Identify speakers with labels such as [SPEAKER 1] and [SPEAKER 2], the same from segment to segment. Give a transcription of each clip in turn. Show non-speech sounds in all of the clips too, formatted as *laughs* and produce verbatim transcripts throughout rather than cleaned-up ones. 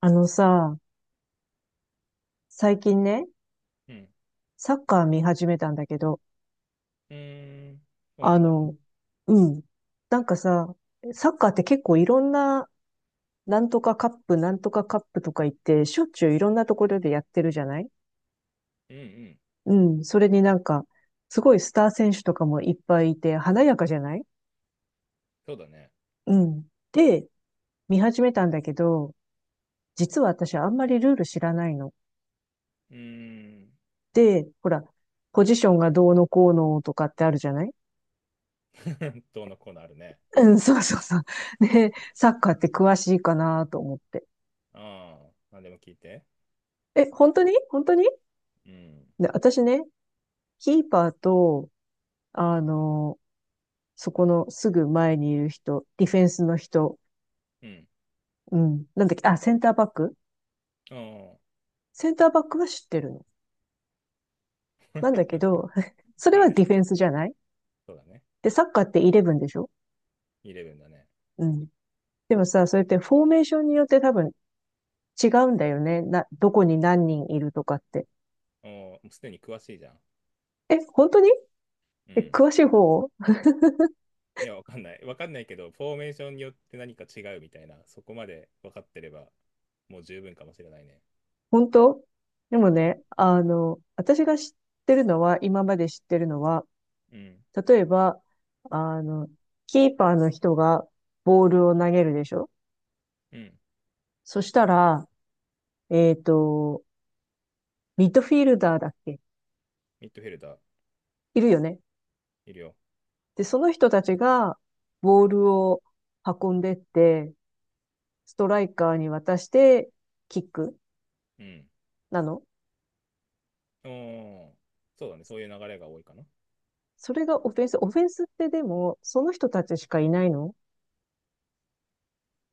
[SPEAKER 1] あのさ、最近ね、
[SPEAKER 2] うん。
[SPEAKER 1] サッカー見始めたんだけど、
[SPEAKER 2] うーん。そうな
[SPEAKER 1] あ
[SPEAKER 2] んだ。
[SPEAKER 1] の、うん。なんかさ、サッカーって結構いろんな、なんとかカップ、なんとかカップとか言って、しょっちゅういろんなところでやってるじゃない？
[SPEAKER 2] うんうん。
[SPEAKER 1] うん。それになんか、すごいスター選手とかもいっぱいいて、華やかじゃない？
[SPEAKER 2] そうだね。
[SPEAKER 1] うん。で、見始めたんだけど、実は私あんまりルール知らないの。
[SPEAKER 2] うーん。
[SPEAKER 1] で、ほら、ポジションがどうのこうのとかってあるじゃない？
[SPEAKER 2] *laughs* どうのコーナーあるね。
[SPEAKER 1] うん、そうそうそう。ね、サッカーって詳しいかなと思って。
[SPEAKER 2] ああ。何でも聞いて。
[SPEAKER 1] え、本当に？本当に？
[SPEAKER 2] うん。
[SPEAKER 1] で、私ね、キーパーと、あの、そこのすぐ前にいる人、ディフェンスの人、
[SPEAKER 2] うん。
[SPEAKER 1] うん、なんだっけ、あ、センターバック。
[SPEAKER 2] あ
[SPEAKER 1] センターバックは知ってるの。なんだけ
[SPEAKER 2] あ。
[SPEAKER 1] ど、*laughs* そ
[SPEAKER 2] *laughs*
[SPEAKER 1] れ
[SPEAKER 2] は
[SPEAKER 1] はデ
[SPEAKER 2] い。
[SPEAKER 1] ィフェンスじゃない？
[SPEAKER 2] そうだね。
[SPEAKER 1] で、サッカーってイレブンでしょ？
[SPEAKER 2] イレブンだね。
[SPEAKER 1] うん。でもさ、それってフォーメーションによって多分違うんだよね。な、どこに何人いるとかって。
[SPEAKER 2] おーもうすでに詳しいじゃん。
[SPEAKER 1] え、本当に？
[SPEAKER 2] う
[SPEAKER 1] え、
[SPEAKER 2] ん。
[SPEAKER 1] 詳しい方？
[SPEAKER 2] いや、わかんない。わかんないけど、フォーメーションによって何か違うみたいな、そこまで分かってれば、もう十分かもしれないね。
[SPEAKER 1] 本当？でも
[SPEAKER 2] うん。
[SPEAKER 1] ね、あの、私が知ってるのは、今まで知ってるのは、
[SPEAKER 2] うん。
[SPEAKER 1] 例えば、あの、キーパーの人がボールを投げるでしょ？
[SPEAKER 2] うん。
[SPEAKER 1] そしたら、えっと、ミッドフィールダーだっけ？
[SPEAKER 2] ミッドフィルダー、
[SPEAKER 1] いるよね。
[SPEAKER 2] いるよ。
[SPEAKER 1] で、その人たちがボールを運んでって、ストライカーに渡して、キック
[SPEAKER 2] うん。
[SPEAKER 1] なの？
[SPEAKER 2] おー、そうだね。そういう流れが多いかな。
[SPEAKER 1] それがオフェンス。オフェンスってでも、その人たちしかいないの？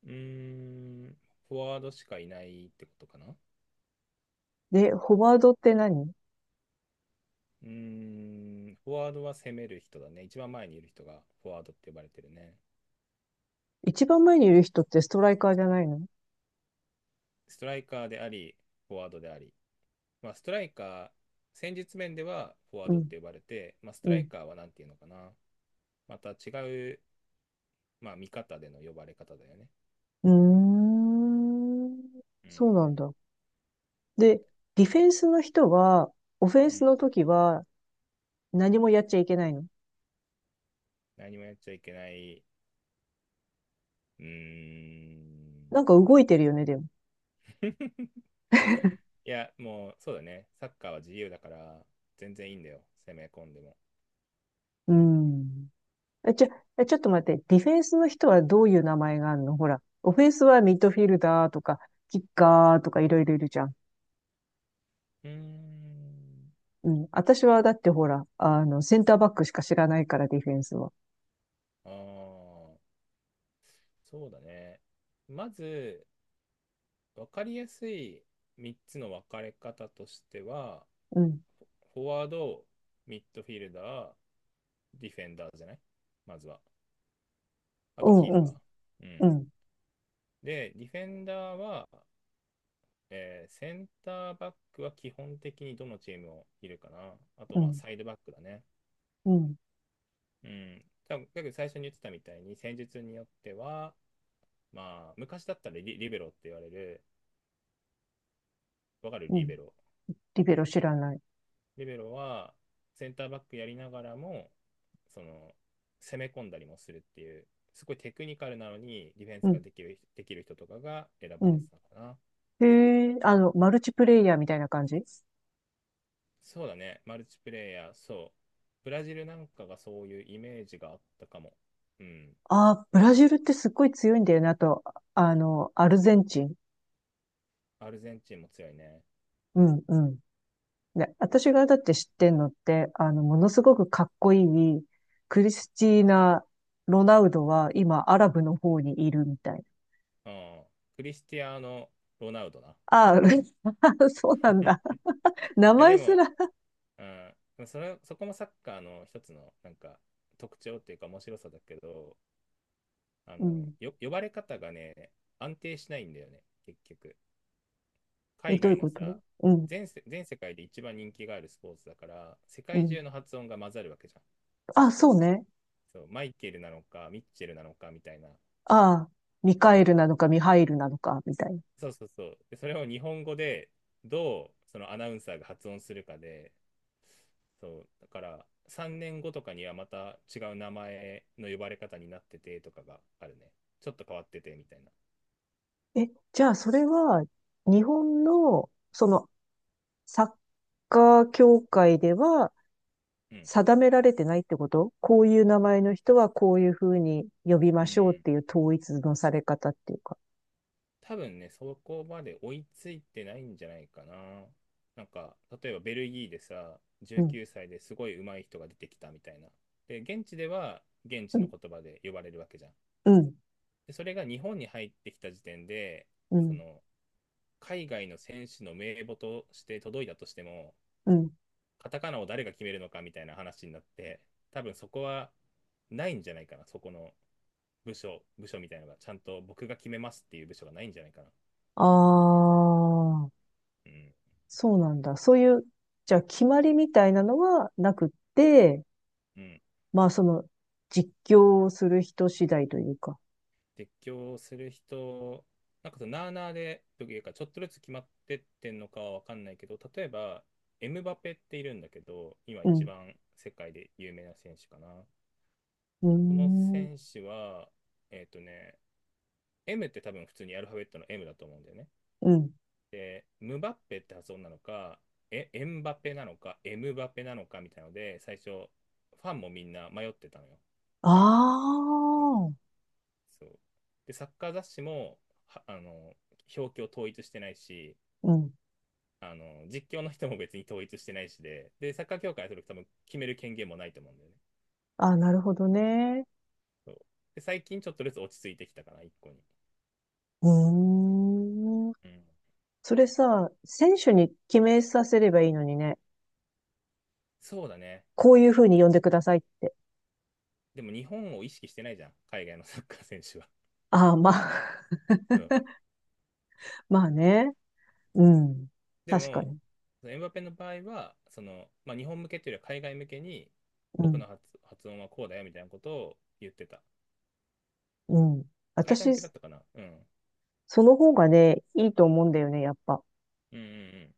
[SPEAKER 2] うーん、フォワードしかいないってことかな。
[SPEAKER 1] で、フォワードって何？
[SPEAKER 2] うーん、フォワードは攻める人だね。一番前にいる人がフォワードって呼ばれてるね。
[SPEAKER 1] 一番前にいる人ってストライカーじゃないの？
[SPEAKER 2] ストライカーであり、フォワードであり。まあ、ストライカー、戦術面ではフォワー
[SPEAKER 1] う
[SPEAKER 2] ドっ
[SPEAKER 1] ん、
[SPEAKER 2] て呼ばれて、まあ、スト
[SPEAKER 1] う
[SPEAKER 2] ライ
[SPEAKER 1] ん。
[SPEAKER 2] カーは何ていうのかな。また違う、まあ、見方での呼ばれ方だよね。
[SPEAKER 1] うーん。
[SPEAKER 2] う
[SPEAKER 1] そうな
[SPEAKER 2] ん。
[SPEAKER 1] んだ。で、ディフェンスの人は、オフェン
[SPEAKER 2] う
[SPEAKER 1] ス
[SPEAKER 2] ん。
[SPEAKER 1] の時は何もやっちゃいけないの？
[SPEAKER 2] 何もやっちゃいけない。うーん。
[SPEAKER 1] なんか動いてるよね、でも。
[SPEAKER 2] *laughs* いや、もう、そうだね。サッカーは自由だから、全然いいんだよ。攻め込んでも。
[SPEAKER 1] うん。え、ちょ、え、ちょっと待って。ディフェンスの人はどういう名前があるの？ほら。オフェンスはミッドフィルダーとか、キッカーとかいろいろいるじゃん。
[SPEAKER 2] うーん。
[SPEAKER 1] うん。私はだってほら、あの、センターバックしか知らないから、ディフェンスは。
[SPEAKER 2] ああ、そうだね。まず、分かりやすいみっつの分かれ方としては、
[SPEAKER 1] うん。
[SPEAKER 2] フォフォワード、ミッドフィルダー、ディフェンダーじゃない？まずは。あ
[SPEAKER 1] う
[SPEAKER 2] と、
[SPEAKER 1] ん、
[SPEAKER 2] キー
[SPEAKER 1] う
[SPEAKER 2] パー。
[SPEAKER 1] ん、
[SPEAKER 2] う
[SPEAKER 1] う
[SPEAKER 2] ん。
[SPEAKER 1] ん、
[SPEAKER 2] で、ディフェンダーは、えーセンターバックは基本的にどのチームもいるかな。あ
[SPEAKER 1] う
[SPEAKER 2] と、まあ、
[SPEAKER 1] ん、
[SPEAKER 2] サイドバックだね。
[SPEAKER 1] うん、
[SPEAKER 2] うん。多分、だけど最初に言ってたみたいに、戦術によっては、まあ、昔だったらリ、リベロって言われる、わかる？
[SPEAKER 1] う
[SPEAKER 2] リ
[SPEAKER 1] ん。
[SPEAKER 2] ベロ。
[SPEAKER 1] リベロ知らない。
[SPEAKER 2] リベロは、センターバックやりながらも、その、攻め込んだりもするっていう、すごいテクニカルなのに、ディフェン
[SPEAKER 1] う
[SPEAKER 2] スが
[SPEAKER 1] ん、
[SPEAKER 2] できるできる人とかが選
[SPEAKER 1] う
[SPEAKER 2] ばれて
[SPEAKER 1] ん。
[SPEAKER 2] たかな。
[SPEAKER 1] へえ、あの、マルチプレイヤーみたいな感じ？
[SPEAKER 2] そうだね、マルチプレイヤー、そう。ブラジルなんかがそういうイメージがあったかも。うん。
[SPEAKER 1] ああ、ブラジルってすっごい強いんだよなと、あの、アルゼンチン。
[SPEAKER 2] アルゼンチンも強いね。
[SPEAKER 1] うん、うん。ね、私がだって知ってんのって、あの、ものすごくかっこいい、クリスティーナ・ロナウドは今、アラブの方にいるみたいな。
[SPEAKER 2] うん。クリスティアーノ・ロナウドな。い
[SPEAKER 1] ああ、*laughs* そうなんだ。名
[SPEAKER 2] や、で
[SPEAKER 1] 前す
[SPEAKER 2] も、
[SPEAKER 1] ら。
[SPEAKER 2] うん、それ、そこもサッカーの一つの、なんか、特徴っていうか面白さだけど、あ
[SPEAKER 1] う
[SPEAKER 2] の、
[SPEAKER 1] ん。
[SPEAKER 2] よ、呼ばれ方がね、安定しないんだよね、結局。
[SPEAKER 1] え、
[SPEAKER 2] 海
[SPEAKER 1] どういう
[SPEAKER 2] 外の
[SPEAKER 1] こと？
[SPEAKER 2] さ、
[SPEAKER 1] うん、
[SPEAKER 2] 全世、全世界で一番人気があるスポーツだから、世
[SPEAKER 1] う
[SPEAKER 2] 界
[SPEAKER 1] ん。
[SPEAKER 2] 中の発音が混ざるわけじゃん。
[SPEAKER 1] あ、そうね。
[SPEAKER 2] そう、マイケルなのか、ミッチェルなのかみたいな。
[SPEAKER 1] ああ、ミカ
[SPEAKER 2] そ
[SPEAKER 1] エ
[SPEAKER 2] う、
[SPEAKER 1] ルなのかミハイルなのか、みたい。
[SPEAKER 2] そうそうそう。で、それを日本語でどうそのアナウンサーが発音するかで、そう、だからさんねんごとかにはまた違う名前の呼ばれ方になっててとかがあるね。ちょっと変わっててみたいな。
[SPEAKER 1] え、じゃあそれは、日本の、その、サッカー協会では
[SPEAKER 2] うん。
[SPEAKER 1] 定められてないってこと？こういう名前の人はこういうふうに呼び
[SPEAKER 2] う
[SPEAKER 1] ましょうっ
[SPEAKER 2] ん、
[SPEAKER 1] ていう統一のされ方っていうか。
[SPEAKER 2] 多分ね、そこまで追いついてないんじゃないかな。なんか、例えばベルギーでさ、
[SPEAKER 1] うん、
[SPEAKER 2] じゅうきゅうさいですごい上手い人が出てきたみたいな。で、現地では現
[SPEAKER 1] う
[SPEAKER 2] 地
[SPEAKER 1] ん、
[SPEAKER 2] の言葉で呼ばれるわけじゃん。
[SPEAKER 1] うん、
[SPEAKER 2] で、それが日本に入ってきた時点で、
[SPEAKER 1] う
[SPEAKER 2] そ
[SPEAKER 1] ん、
[SPEAKER 2] の、海外の選手の名簿として届いたとしても、
[SPEAKER 1] うん。
[SPEAKER 2] カタカナを誰が決めるのかみたいな話になって、多分そこはないんじゃないかな。そこの部署、部署みたいなのが、ちゃんと僕が決めますっていう部署がないんじゃないかな。
[SPEAKER 1] ああ、
[SPEAKER 2] うん。
[SPEAKER 1] そうなんだ。そういう、じゃあ決まりみたいなのはなくって、
[SPEAKER 2] うん。
[SPEAKER 1] まあその、実況をする人次第というか。
[SPEAKER 2] 絶叫する人、なんかそのなあなあで、というか、ちょっとずつ決まってってんのかはわかんないけど、例えば、エムバペっているんだけど、今
[SPEAKER 1] う
[SPEAKER 2] 一
[SPEAKER 1] ん、
[SPEAKER 2] 番世界で有名な選手かな。
[SPEAKER 1] うー
[SPEAKER 2] この
[SPEAKER 1] ん、
[SPEAKER 2] 選手は、えっとね、M って多分普通にアルファベットの M だと思うんだよね。
[SPEAKER 1] うん。
[SPEAKER 2] で、ムバッペって発音なのか、え、エンバペなのか、エムバペなのかみたいなので、最初、ファンもみんな迷ってたのよ。
[SPEAKER 1] ああ。
[SPEAKER 2] そう。で、サッカー雑誌も、はあの、表記を統一してないし、
[SPEAKER 1] うん。
[SPEAKER 2] あの、実況の人も別に統一してないしで、で、サッカー協会はそれ多分決める権限もないと思うんだよね。
[SPEAKER 1] あ、なるほどね。
[SPEAKER 2] そう。で、最近ちょっとずつ落ち着いてきたかな、一個に。
[SPEAKER 1] うーん。
[SPEAKER 2] うん。
[SPEAKER 1] それさ、選手に決めさせればいいのにね。
[SPEAKER 2] そうだね。
[SPEAKER 1] こういうふうに呼んでくださいって。
[SPEAKER 2] でも日本を意識してないじゃん、海外のサッカー選手は。
[SPEAKER 1] ああ、まあ、
[SPEAKER 2] *laughs* そう。
[SPEAKER 1] *laughs* まあね。うん。
[SPEAKER 2] で
[SPEAKER 1] 確か
[SPEAKER 2] も、
[SPEAKER 1] に。
[SPEAKER 2] エムバペの場合は、その、まあ、日本向けというよりは海外向けに、
[SPEAKER 1] う
[SPEAKER 2] 僕
[SPEAKER 1] ん。
[SPEAKER 2] の発、発音はこうだよみたいなことを言ってた。
[SPEAKER 1] うん。
[SPEAKER 2] 海外向けだ
[SPEAKER 1] 私、
[SPEAKER 2] ったかな、うん。
[SPEAKER 1] その方がね、いいと思うんだよね、やっぱ。
[SPEAKER 2] うんうんうん。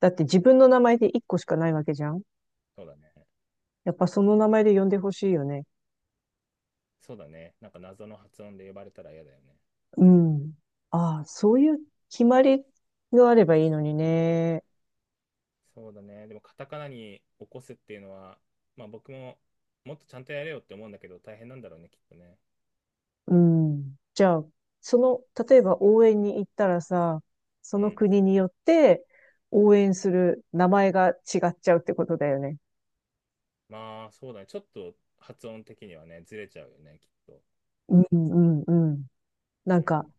[SPEAKER 1] だって自分の名前で一個しかないわけじゃん。
[SPEAKER 2] そうだね。
[SPEAKER 1] やっぱその名前で呼んでほしいよね。
[SPEAKER 2] そうだね。なんか謎の発音で呼ばれたら嫌だよね。
[SPEAKER 1] うん。ああ、そういう決まりがあればいいのにね。
[SPEAKER 2] そうだね。でもカタカナに起こすっていうのは、まあ僕ももっとちゃんとやれよって思うんだけど大変なんだろうね、きっとね。
[SPEAKER 1] うん。じゃあ、その、例えば応援に行ったらさ、そ
[SPEAKER 2] う
[SPEAKER 1] の
[SPEAKER 2] ん。
[SPEAKER 1] 国によって応援する名前が違っちゃうってことだよね。
[SPEAKER 2] まあそうだね。ちょっと発音的にはね、ずれちゃうよね、きっと。
[SPEAKER 1] うんうんうん。
[SPEAKER 2] う
[SPEAKER 1] なんか、
[SPEAKER 2] ん。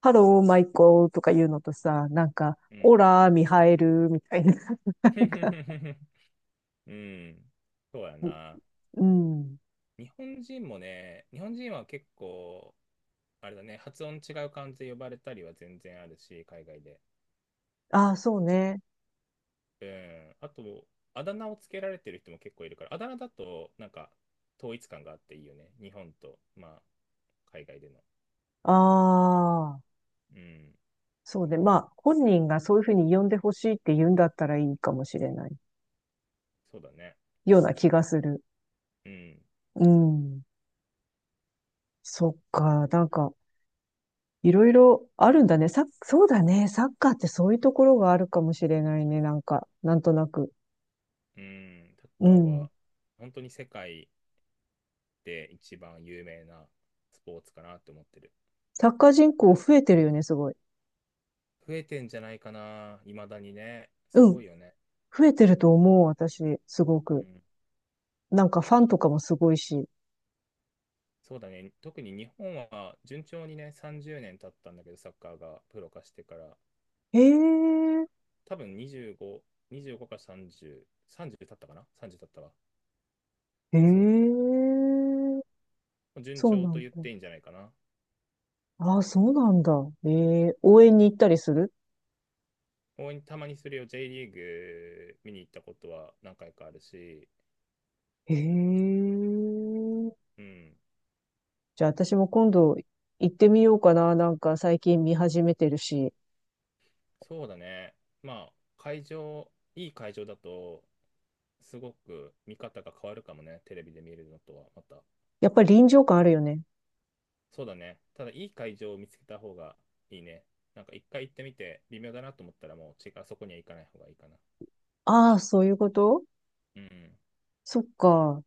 [SPEAKER 1] ハローマイコーとか言うのとさ、なんか、
[SPEAKER 2] うん。
[SPEAKER 1] オラミハエルみたいな、*laughs* なんか、
[SPEAKER 2] *laughs* うん。そうやな。
[SPEAKER 1] うん。
[SPEAKER 2] 日本人もね、日本人は結構、あれだね、発音違う漢字で呼ばれたりは全然あるし、海外で。
[SPEAKER 1] ああ、そうね。
[SPEAKER 2] うん、あと、あだ名をつけられてる人も結構いるから、あだ名だと、なんか、統一感があっていいよね。日本と、まあ、海外での。
[SPEAKER 1] ああ、
[SPEAKER 2] うん、
[SPEAKER 1] そうね。まあ、本人がそういうふうに呼んでほしいって言うんだったらいいかもしれない。
[SPEAKER 2] そうだね。
[SPEAKER 1] ような気がする。
[SPEAKER 2] うん、
[SPEAKER 1] うん。そっか。なんか、いろいろあるんだね。サッ、そうだね。サッカーってそういうところがあるかもしれないね。なんか、なんとなく。
[SPEAKER 2] うん、サッ
[SPEAKER 1] う
[SPEAKER 2] カー
[SPEAKER 1] ん。
[SPEAKER 2] は、本当に世界で一番有名なスポーツかなって思ってる。
[SPEAKER 1] サッカー人口増えてるよね、すごい。
[SPEAKER 2] 増えてんじゃないかな、未だにね。す
[SPEAKER 1] うん。
[SPEAKER 2] ごいよね。
[SPEAKER 1] 増えてると思う、私、すご
[SPEAKER 2] う
[SPEAKER 1] く。
[SPEAKER 2] ん、
[SPEAKER 1] なんかファンとかもすごいし。
[SPEAKER 2] そうだね。特に日本は、順調にね、さんじゅうねん経ったんだけど、サッカーがプロ化してから。
[SPEAKER 1] へえ、
[SPEAKER 2] 多分にじゅうご、にじゅうごかさんじゅう、さんじゅう経ったかな？ さんじゅう 経ったわ。
[SPEAKER 1] へ
[SPEAKER 2] そ
[SPEAKER 1] え、
[SPEAKER 2] う。順
[SPEAKER 1] そう
[SPEAKER 2] 調
[SPEAKER 1] な
[SPEAKER 2] と
[SPEAKER 1] ん
[SPEAKER 2] 言っ
[SPEAKER 1] だ。
[SPEAKER 2] ていいんじゃないかな。
[SPEAKER 1] ああ、そうなんだ。ええ、応援に行ったりする？
[SPEAKER 2] たまにそれを ジェー リーグ見に行ったことは何回かあるし、
[SPEAKER 1] へえ。
[SPEAKER 2] うん。
[SPEAKER 1] じゃあ私も今度行ってみようかな。なんか最近見始めてるし。
[SPEAKER 2] そうだね。まあ、会場、いい会場だと、すごく見方が変わるかもね。テレビで見るのとはまた。
[SPEAKER 1] やっぱり臨場感あるよね。
[SPEAKER 2] そうだね。ただ、いい会場を見つけた方がいいね。なんか一回行ってみて、微妙だなと思ったらもう、違う、そこには行かない方がいいかな。
[SPEAKER 1] ああ、そういうこと？
[SPEAKER 2] うん。
[SPEAKER 1] そっか。い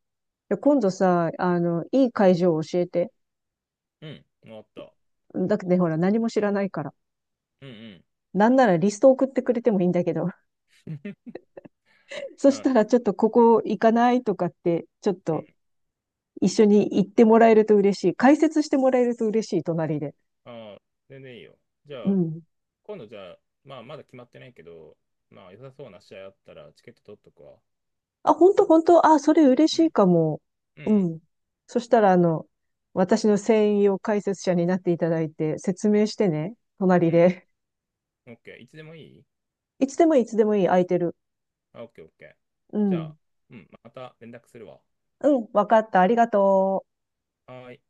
[SPEAKER 1] や今度さ、あの、いい会場を教えて。
[SPEAKER 2] うん。終わった。
[SPEAKER 1] だってね、ほら、何も知らないから。
[SPEAKER 2] うんうん。
[SPEAKER 1] なんならリスト送ってくれてもいいんだけど。*laughs* そし
[SPEAKER 2] あ、
[SPEAKER 1] たら、ちょっとここ行かないとかって、ちょっ
[SPEAKER 2] うん。
[SPEAKER 1] と一緒に行ってもらえると嬉しい。解説してもらえると嬉しい、隣で。
[SPEAKER 2] ああ、全然いいよ。じゃ
[SPEAKER 1] う
[SPEAKER 2] あ、
[SPEAKER 1] ん。
[SPEAKER 2] 今度じゃあ、まあ、まだ決まってないけど、まあ、良さそうな試合あったら、チケット取っとくわ。
[SPEAKER 1] あ、本当？本当？あ、それ嬉し
[SPEAKER 2] う
[SPEAKER 1] い
[SPEAKER 2] ん。
[SPEAKER 1] かも。
[SPEAKER 2] う
[SPEAKER 1] う
[SPEAKER 2] ん、
[SPEAKER 1] ん。そしたら、あの、私の専用解説者になっていただいて、説明してね、隣
[SPEAKER 2] うん、
[SPEAKER 1] で。
[SPEAKER 2] うん。オッケー。いつでもいい？
[SPEAKER 1] *laughs* いつでもいい？いつでもいい、空いてる。
[SPEAKER 2] あ、オッケー、オッケー。
[SPEAKER 1] う
[SPEAKER 2] じゃあ、
[SPEAKER 1] ん。
[SPEAKER 2] うん、また連絡するわ。
[SPEAKER 1] うん、わかった。ありがとう。
[SPEAKER 2] はーい。